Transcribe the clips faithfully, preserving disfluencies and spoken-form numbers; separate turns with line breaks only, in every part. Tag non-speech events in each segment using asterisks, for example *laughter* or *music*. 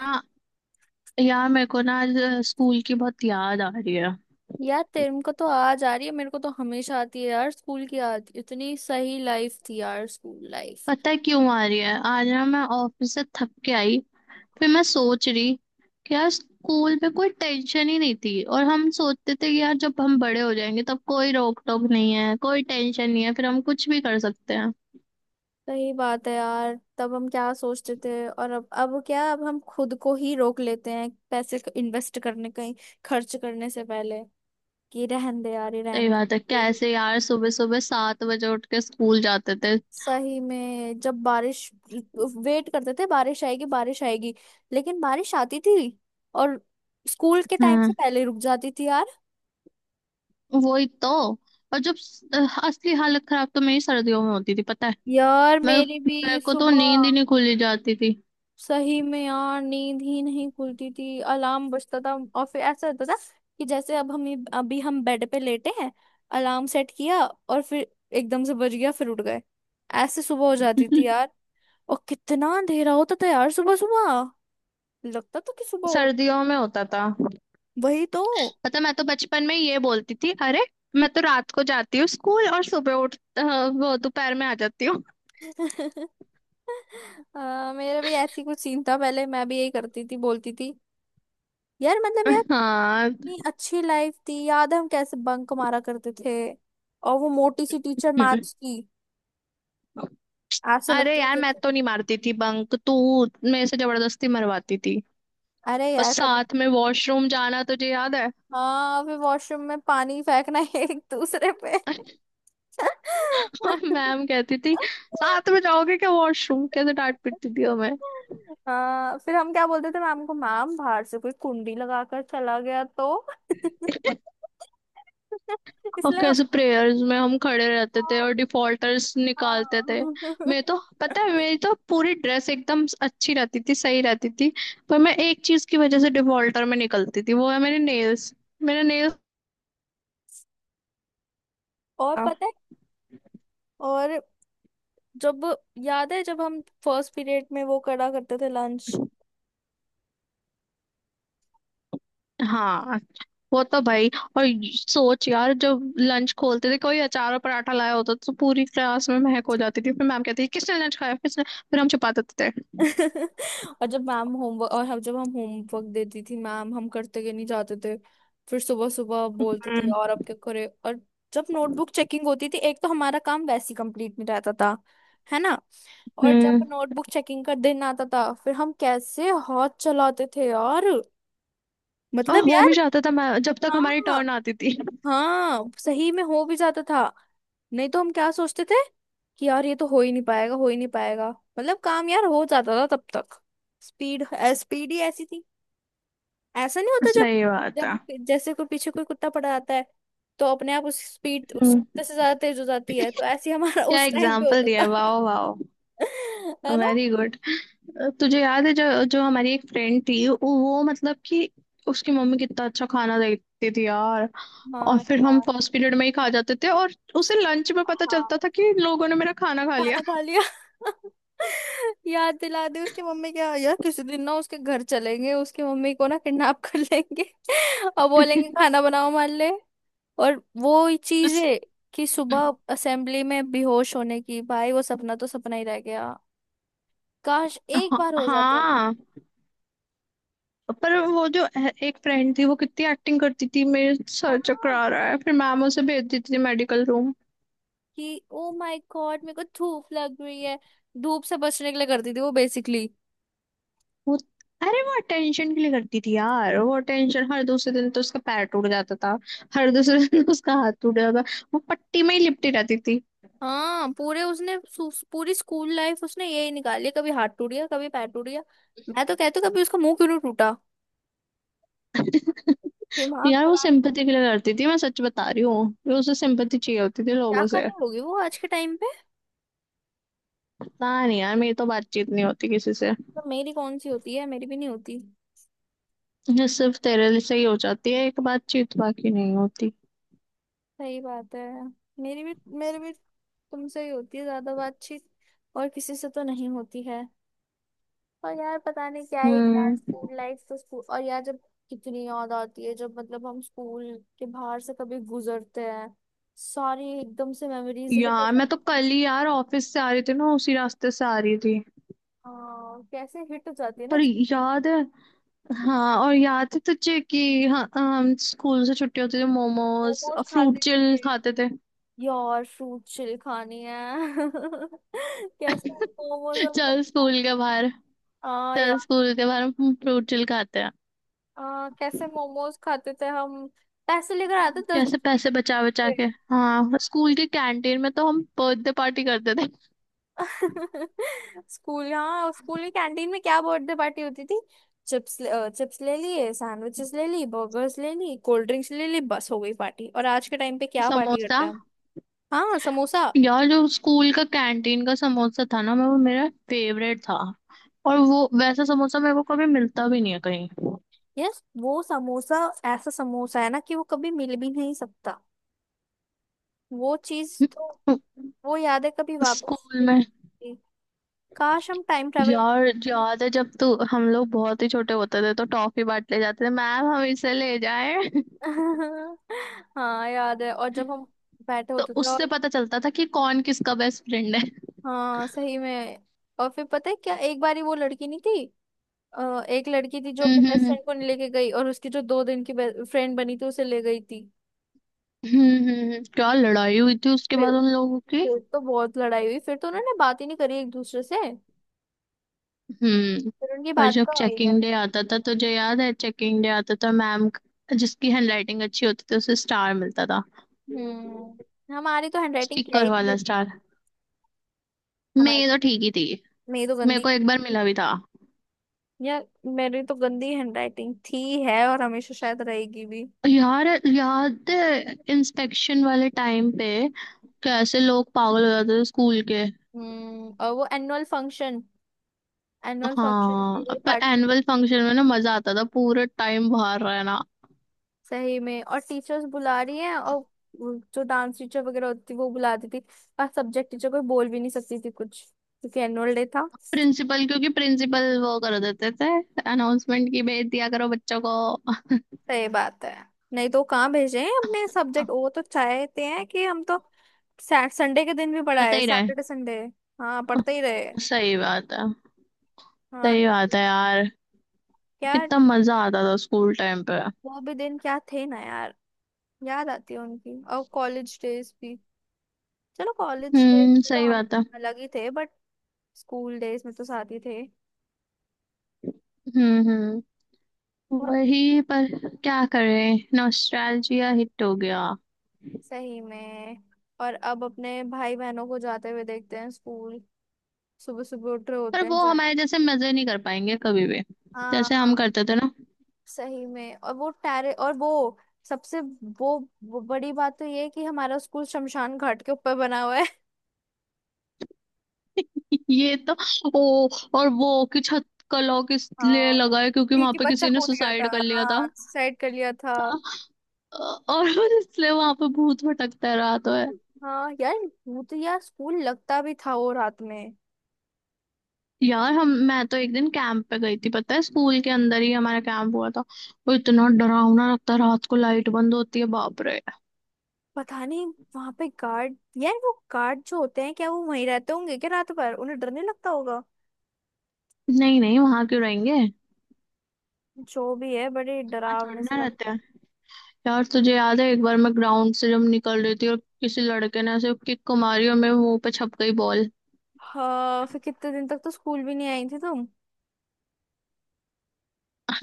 हाँ। यार मेरे को ना आज स्कूल की बहुत याद आ रही है।
यार तेरे को तो आज आ रही है। मेरे को तो हमेशा आती है यार स्कूल की याद। इतनी सही लाइफ थी यार स्कूल लाइफ।
पता है क्यों आ रही है? आज ना मैं ऑफिस से थक के आई। फिर मैं सोच रही कि यार स्कूल में कोई टेंशन ही नहीं थी और हम सोचते थे कि यार जब हम बड़े हो जाएंगे तब कोई रोक टोक नहीं है कोई टेंशन नहीं है फिर हम कुछ भी कर सकते हैं।
सही बात है यार, तब हम क्या सोचते थे और अब अब क्या, अब हम खुद को ही रोक लेते हैं पैसे इन्वेस्ट करने, कहीं खर्च करने से पहले, कि रहन दे यार, ये
सही
रहन दे।
बात है।
फिर
कैसे यार सुबह सुबह सात बजे उठ के स्कूल जाते थे।
सही में जब बारिश, वेट करते थे बारिश आएगी बारिश आएगी, लेकिन बारिश आती थी और स्कूल के टाइम से
हम्म।
पहले रुक जाती थी यार।
वही तो। और जब स- असली हालत खराब तो मेरी सर्दियों में होती थी पता है।
यार
मैं
मेरी
मेरे
भी
को तो नींद ही
सुबह।
नहीं खुली जाती थी।
सही में यार नींद ही नहीं खुलती थी, अलार्म बजता था और फिर ऐसा होता था कि जैसे अब हम अभी हम बेड पे लेटे हैं, अलार्म सेट किया और फिर एकदम से बज गया, फिर उठ गए। ऐसे सुबह हो जाती थी यार। और कितना अंधेरा होता था यार सुबह सुबह, लगता था कि सुबह हो।
सर्दियों में होता था।
वही तो।
पता मैं तो बचपन में ये बोलती थी, अरे मैं तो रात को जाती हूँ स्कूल और सुबह उठ अ, वो दोपहर में आ जाती हूँ।
*laughs* आ, मेरा भी ऐसी कुछ सीन था पहले, मैं भी यही करती थी बोलती थी। यार मतलब यार
*laughs* हाँ।
इतनी अच्छी लाइफ थी। याद है हम कैसे बंक मारा करते थे। और वो मोटी सी टीचर
हम्म।
मैथ्स की ऐसे
अरे
लगती है
यार मैं
जैसे।
तो नहीं मारती थी बंक। तू मेरे से जबरदस्ती मरवाती थी।
अरे
और
यार कब।
साथ में वॉशरूम जाना तुझे याद है?
हाँ फिर वॉशरूम में पानी फेंकना एक दूसरे पे।
*laughs* मैम कहती थी साथ में जाओगे क्या वॉशरूम? कैसे डांट पीटती थी।
हाँ फिर हम क्या बोलते थे मैम को, मैम बाहर से कोई कुंडी लगाकर चला गया तो। *laughs*
और
इसलिए हम।
कैसे प्रेयर्स में हम खड़े रहते थे और
हाँ।
डिफॉल्टर्स निकालते थे। मैं तो
हाँ।
पता है मेरी तो पूरी ड्रेस एकदम अच्छी रहती थी सही रहती थी। पर मैं एक चीज की वजह से डिफॉल्टर में निकलती थी, वो है मेरे नेल्स। मेरे नेल्स।
और
हाँ
पता है। और जब, याद है जब हम फर्स्ट पीरियड में वो करा करते थे लंच।
हाँ। वो तो भाई। और सोच यार जब लंच खोलते थे कोई अचार और पराठा लाया होता था, तो पूरी क्लास में महक हो जाती थी। फिर मैम कहती थी किसने लंच खाया, किसने। फिर हम छुपा देते थे।
*laughs* और जब मैम होमवर्क और हम जब हम होमवर्क देती थी मैम, हम करते के नहीं जाते थे। फिर सुबह सुबह बोलते थे
हम्म
और अब क्या करे। और जब नोटबुक चेकिंग होती थी, एक तो हमारा काम वैसे कंप्लीट नहीं रहता था, है ना। और
हम्म।
जब नोटबुक चेकिंग का दिन आता था, फिर हम कैसे हाथ चलाते थे और।
और
मतलब
हो भी
यार।
जाता था मैं जब तक हमारी
हाँ।
टर्न आती थी।
हाँ सही में हो भी जाता था। नहीं तो हम क्या सोचते थे कि यार ये तो हो ही नहीं पाएगा, हो ही नहीं पाएगा। मतलब काम यार हो जाता था तब तक। स्पीड, स्पीड ही ऐसी थी। ऐसा नहीं होता जब,
सही बात है।
जब जैसे कोई पीछे कोई कुत्ता पड़ा आता है, तो अपने आप उस स्पीड उस
हम्म।
कुत्ते से ज्यादा तेज हो जाती है, तो ऐसे ही हमारा *laughs*
क्या
उस टाइम पे
एग्जाम्पल
होता
दिया,
था।
Wow wow.
*laughs* है ना।
Very good. तुझे याद है जो जो हमारी एक फ्रेंड थी वो वो मतलब कि उसकी मम्मी कितना अच्छा खाना देती थी यार। और
हाँ।
फिर हम फर्स्ट पीरियड में ही खा जाते थे और उसे लंच में पता चलता
हाँ।
था कि लोगों ने मेरा खाना खा लिया।
खाना खा लिया। *laughs* याद दिला दी उसकी मम्मी। क्या यार, किसी दिन ना उसके घर चलेंगे, उसकी मम्मी को ना किडनैप कर लेंगे। *laughs* और बोलेंगे
*laughs*
खाना बनाओ हमारे लिए। और वो ही चीज
उस-
है कि सुबह असेंबली में बेहोश होने की, भाई वो सपना तो सपना ही रह गया। काश एक
हाँ।
बार हो जाते ना।
हाँ, पर वो जो ए- एक फ्रेंड थी वो कितनी एक्टिंग करती थी, मेरे सर
हाँ
चकरा रहा है, फिर मैम उसे भेज देती थी मेडिकल रूम।
कि ओ माय गॉड मेरे को धूप लग रही है। धूप से बचने के लिए करती थी वो बेसिकली।
वो अरे वो अटेंशन के लिए करती थी यार वो अटेंशन। हर दूसरे दिन तो उसका पैर टूट जाता था। हर दूसरे दिन *laughs* उसका हाथ टूट जाता था। वो पट्टी में ही लिपटी रहती थी।
हाँ, पूरे उसने सु- पूरी स्कूल लाइफ उसने यही निकाली, कभी हाथ टूट गया, कभी पैर टूट गया। मैं तो कहती हूँ कभी उसका मुंह क्यों नहीं टूटा।
*laughs*
दिमाग
यार वो
खराब।
सिंपैथी के लिए करती थी। मैं सच बता रही हूँ कि उसे सिंपैथी चाहिए होती थी
क्या
लोगों से।
करनी होगी वो आज के टाइम पे।
पता नहीं यार मेरी तो बातचीत नहीं होती किसी से।
तो मेरी कौन सी होती है, मेरी भी नहीं होती।
ये सिर्फ तेरे लिए से ही हो जाती है एक बातचीत, बाकी नहीं होती।
सही बात है। मेरी भी मेरी भी तुमसे ही होती है ज्यादा बातचीत। और किसी से तो नहीं होती है। और यार पता नहीं क्या ही यार
हम्म।
स्कूल लाइफ तो स्कूल। और यार जब, कितनी याद आती है जब मतलब हम स्कूल के बाहर से कभी गुजरते हैं, सारी एकदम से मेमोरीज हिट हो
यार मैं
जाती
तो
है।
कल ही यार ऑफिस से आ रही थी ना उसी रास्ते से आ रही थी।
हाँ कैसे हिट हो जाती है ना
पर
चीजें।
याद है। हाँ और याद है तुझे कि हाँ हम स्कूल से छुट्टी होती थी मोमोज
मोमोज
और फ्रूट
खाते थे।
चिल खाते थे।
यार फ्रूट चिल खानी है। *laughs* कैसे मोमोज हम कट
चल
खा-।
स्कूल के बाहर।
हाँ यार।
चल स्कूल के बाहर हम फ्रूट चिल खाते हैं।
हाँ कैसे मोमोज खाते थे हम, पैसे लेकर आते दस
कैसे
के।
पैसे बचा बचा के। हाँ स्कूल के कैंटीन में तो हम बर्थडे पार्टी करते थे।
*laughs* स्कूल, हाँ स्कूल में कैंटीन में क्या बर्थडे पार्टी होती थी। चिप्स, चिप्स ले लिए, सैंडविचेस ले ली, बर्गर्स ले ली, कोल्ड ड्रिंक्स ले ली, बस हो गई पार्टी। और आज के टाइम पे क्या पार्टी
समोसा।
करते हैं हम। हाँ, समोसा।
यार जो स्कूल का कैंटीन का समोसा था ना, मैं वो मेरा फेवरेट था। और वो वैसा समोसा मेरे को कभी मिलता भी नहीं है कहीं।
यस वो समोसा, ऐसा समोसा है ना कि वो कभी मिल भी नहीं सकता। वो चीज तो, वो याद है कभी वापस
स्कूल
नहीं
में।
आती। काश हम टाइम ट्रेवल।
यार याद है जब तू हम लोग बहुत ही छोटे होते थे तो टॉफी बांट ले जाते थे मैम, हम इसे ले जाए। *laughs*
*laughs* हाँ याद है। और जब हम बैठे
तो
होते थे
उससे
और।
पता चलता था कि कौन किसका बेस्ट फ्रेंड है।
हाँ सही में। और फिर पता है क्या, एक बारी वो लड़की नहीं थी, अ, एक लड़की थी जो अपने
हम्म
बेस्ट
हम्म।
फ्रेंड को नहीं लेके गई और उसकी जो दो दिन की फ्रेंड बनी थी उसे ले गई थी।
हम्म हम्म, हम्म। क्या लड़ाई हुई थी उसके
फिर,
बाद उन लोगों की?
फिर तो बहुत लड़ाई हुई, फिर तो उन्होंने बात ही नहीं करी एक दूसरे से।
हम्म।
फिर उनकी
और
बात
जब
कहाँ हुई।
चेकिंग डे आता था तुझे याद है? चेकिंग डे आता था, मैम जिसकी हैंडराइटिंग अच्छी होती थी उसे स्टार मिलता था।
हम्म हमारी तो हैंडराइटिंग क्या
स्टिकर
ही थी
वाला
अजीब।
स्टार।
हमारी
मेरी तो ठीक ही थी।
मेरी तो
मेरे
गंदी।
को एक बार मिला भी था।
यार मेरी तो गंदी हैंडराइटिंग थी है और हमेशा शायद रहेगी भी।
यार याद है इंस्पेक्शन वाले टाइम पे कैसे लोग पागल हो जाते थे स्कूल के।
हम्म और वो एनुअल फंक्शन, एनुअल फंक्शन के
हाँ
लिए
पर
पार्टिसिपेट।
एनुअल फंक्शन में ना मजा आता था पूरे टाइम बाहर रहना।
सही में, और टीचर्स बुला रही हैं और वो जो डांस टीचर वगैरह होती वो बुलाती थी। और सब्जेक्ट टीचर कोई बोल भी नहीं सकती थी कुछ, क्योंकि एनुअल डे था।
प्रिंसिपल क्योंकि प्रिंसिपल वो कर देते थे अनाउंसमेंट की भेज दिया करो बच्चों को।
सही बात है। नहीं तो कहाँ भेजे हैं अपने सब्जेक्ट, वो तो चाहते हैं कि हम तो सैट संडे के दिन भी
पढ़ते
पढ़ाए,
ही रहे।
Saturday Sunday. हाँ पढ़ते ही रहे।
सही बात है।
हाँ।
सही बात है यार।
क्या।
कितना मजा आता था स्कूल टाइम पे।
वो भी दिन क्या थे ना यार। याद आती है उनकी और कॉलेज डेज भी। चलो कॉलेज डेज
हम्म।
में तो
सही
हम
बात है।
अलग ही थे बट स्कूल डेज में तो साथ ही थे
हम्म हम्म।
बहुत।
वही पर। क्या करें नॉस्टैल्जिया हिट हो गया।
सही में। और अब अपने भाई बहनों को जाते हुए देखते हैं स्कूल, सुबह सुबह उठ रहे
पर
होते हैं
वो
जाने।
हमारे जैसे मजे नहीं कर पाएंगे कभी भी। जैसे हम
हाँ।
करते थे ना।
सही में। और वो टैरे और वो सबसे वो, वो बड़ी बात तो ये है कि हमारा स्कूल शमशान घाट के ऊपर बना हुआ है।
*laughs* ये तो। ओ। और वो कि छत का लॉक इसलिए
हाँ
लगा है क्योंकि वहां
क्योंकि
पे
बच्चा
किसी ने
कूद गया था।
सुसाइड कर लिया था।
हाँ, साइड कर लिया था।
हाँ, और *laughs* इसलिए वहां पे भूत भटकता है रात है।
हाँ यार। वो तो यार स्कूल लगता भी था वो रात में।
यार हम मैं तो एक दिन कैंप पे गई थी, पता है स्कूल के अंदर ही हमारा कैंप हुआ था। वो इतना डरावना लगता है, रात को लाइट बंद होती है, बाप रे।
पता नहीं, वहां पे गार्ड, यार वो गार्ड जो होते हैं, क्या वो वहीं रहते होंगे, क्या रात भर उन्हें डर नहीं लगता होगा।
नहीं नहीं, वहां क्यों रहेंगे।
जो भी है बड़े
वहां
डरावने
थोड़ी
से
ना
लगता
रहते
है।
हैं। यार तुझे याद है एक बार मैं ग्राउंड से जब निकल रही थी और किसी लड़के ने ऐसे किक को मारी और मेरे मुंह पे छप गई बॉल।
हाँ फिर कितने दिन तक तो स्कूल भी नहीं आई थी तुम।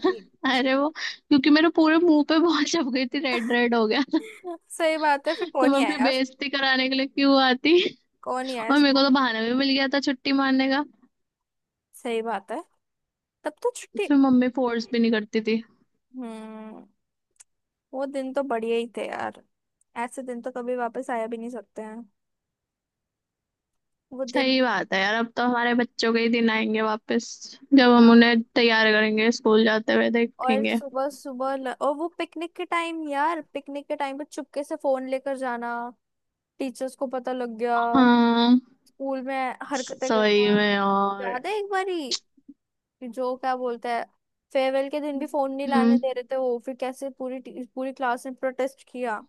ये-।
अरे वो क्योंकि मेरे पूरे मुंह पे बॉल छप गई थी, रेड रेड हो गया।
*laughs* सही बात है। फिर
*laughs* तो
कौन
मैं
ही आया
अपनी
यार।
बेइज्जती कराने के लिए क्यों आती।
कौन यार
और मेरे
इसको।
को तो बहाना भी मिल गया था छुट्टी मारने का।
सही बात है। तब तो छुट्टी।
फिर मम्मी फोर्स भी नहीं करती थी।
हम्म। वो दिन तो बढ़िया ही थे यार। ऐसे दिन तो कभी वापस आया भी नहीं सकते हैं वो दिन।
सही बात है यार, अब तो हमारे बच्चों के ही दिन आएंगे वापस। जब हम उन्हें तैयार करेंगे स्कूल जाते हुए
और
देखेंगे।
सुबह सुबह ल... और वो पिकनिक के टाइम यार पिकनिक के टाइम पे चुपके से फोन लेकर जाना। टीचर्स को पता लग गया।
हाँ
स्कूल में हरकतें
सही
करना।
में। और
याद है एक बारी, जो क्या बोलता है, फेयरवेल के दिन भी फोन नहीं लाने दे रहे थे वो, फिर कैसे पूरी टी- पूरी क्लास ने प्रोटेस्ट किया।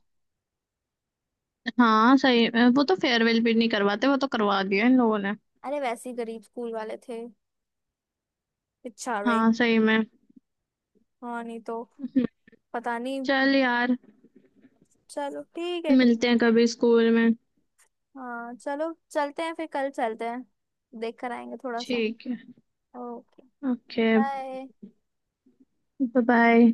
हाँ सही में वो तो फेयरवेल भी नहीं करवाते, वो तो करवा दिया इन लोगों ने।
अरे वैसे ही गरीब स्कूल वाले थे बेचारे।
हाँ सही में।
हाँ नहीं तो।
हम्म।
पता नहीं।
चल यार,
चलो ठीक है, ठीक।
मिलते हैं कभी स्कूल में।
हाँ चलो चलते हैं, फिर कल चलते हैं। देख कर आएंगे थोड़ा सा।
ठीक है।
ओके।
ओके।
बाय।
बाय।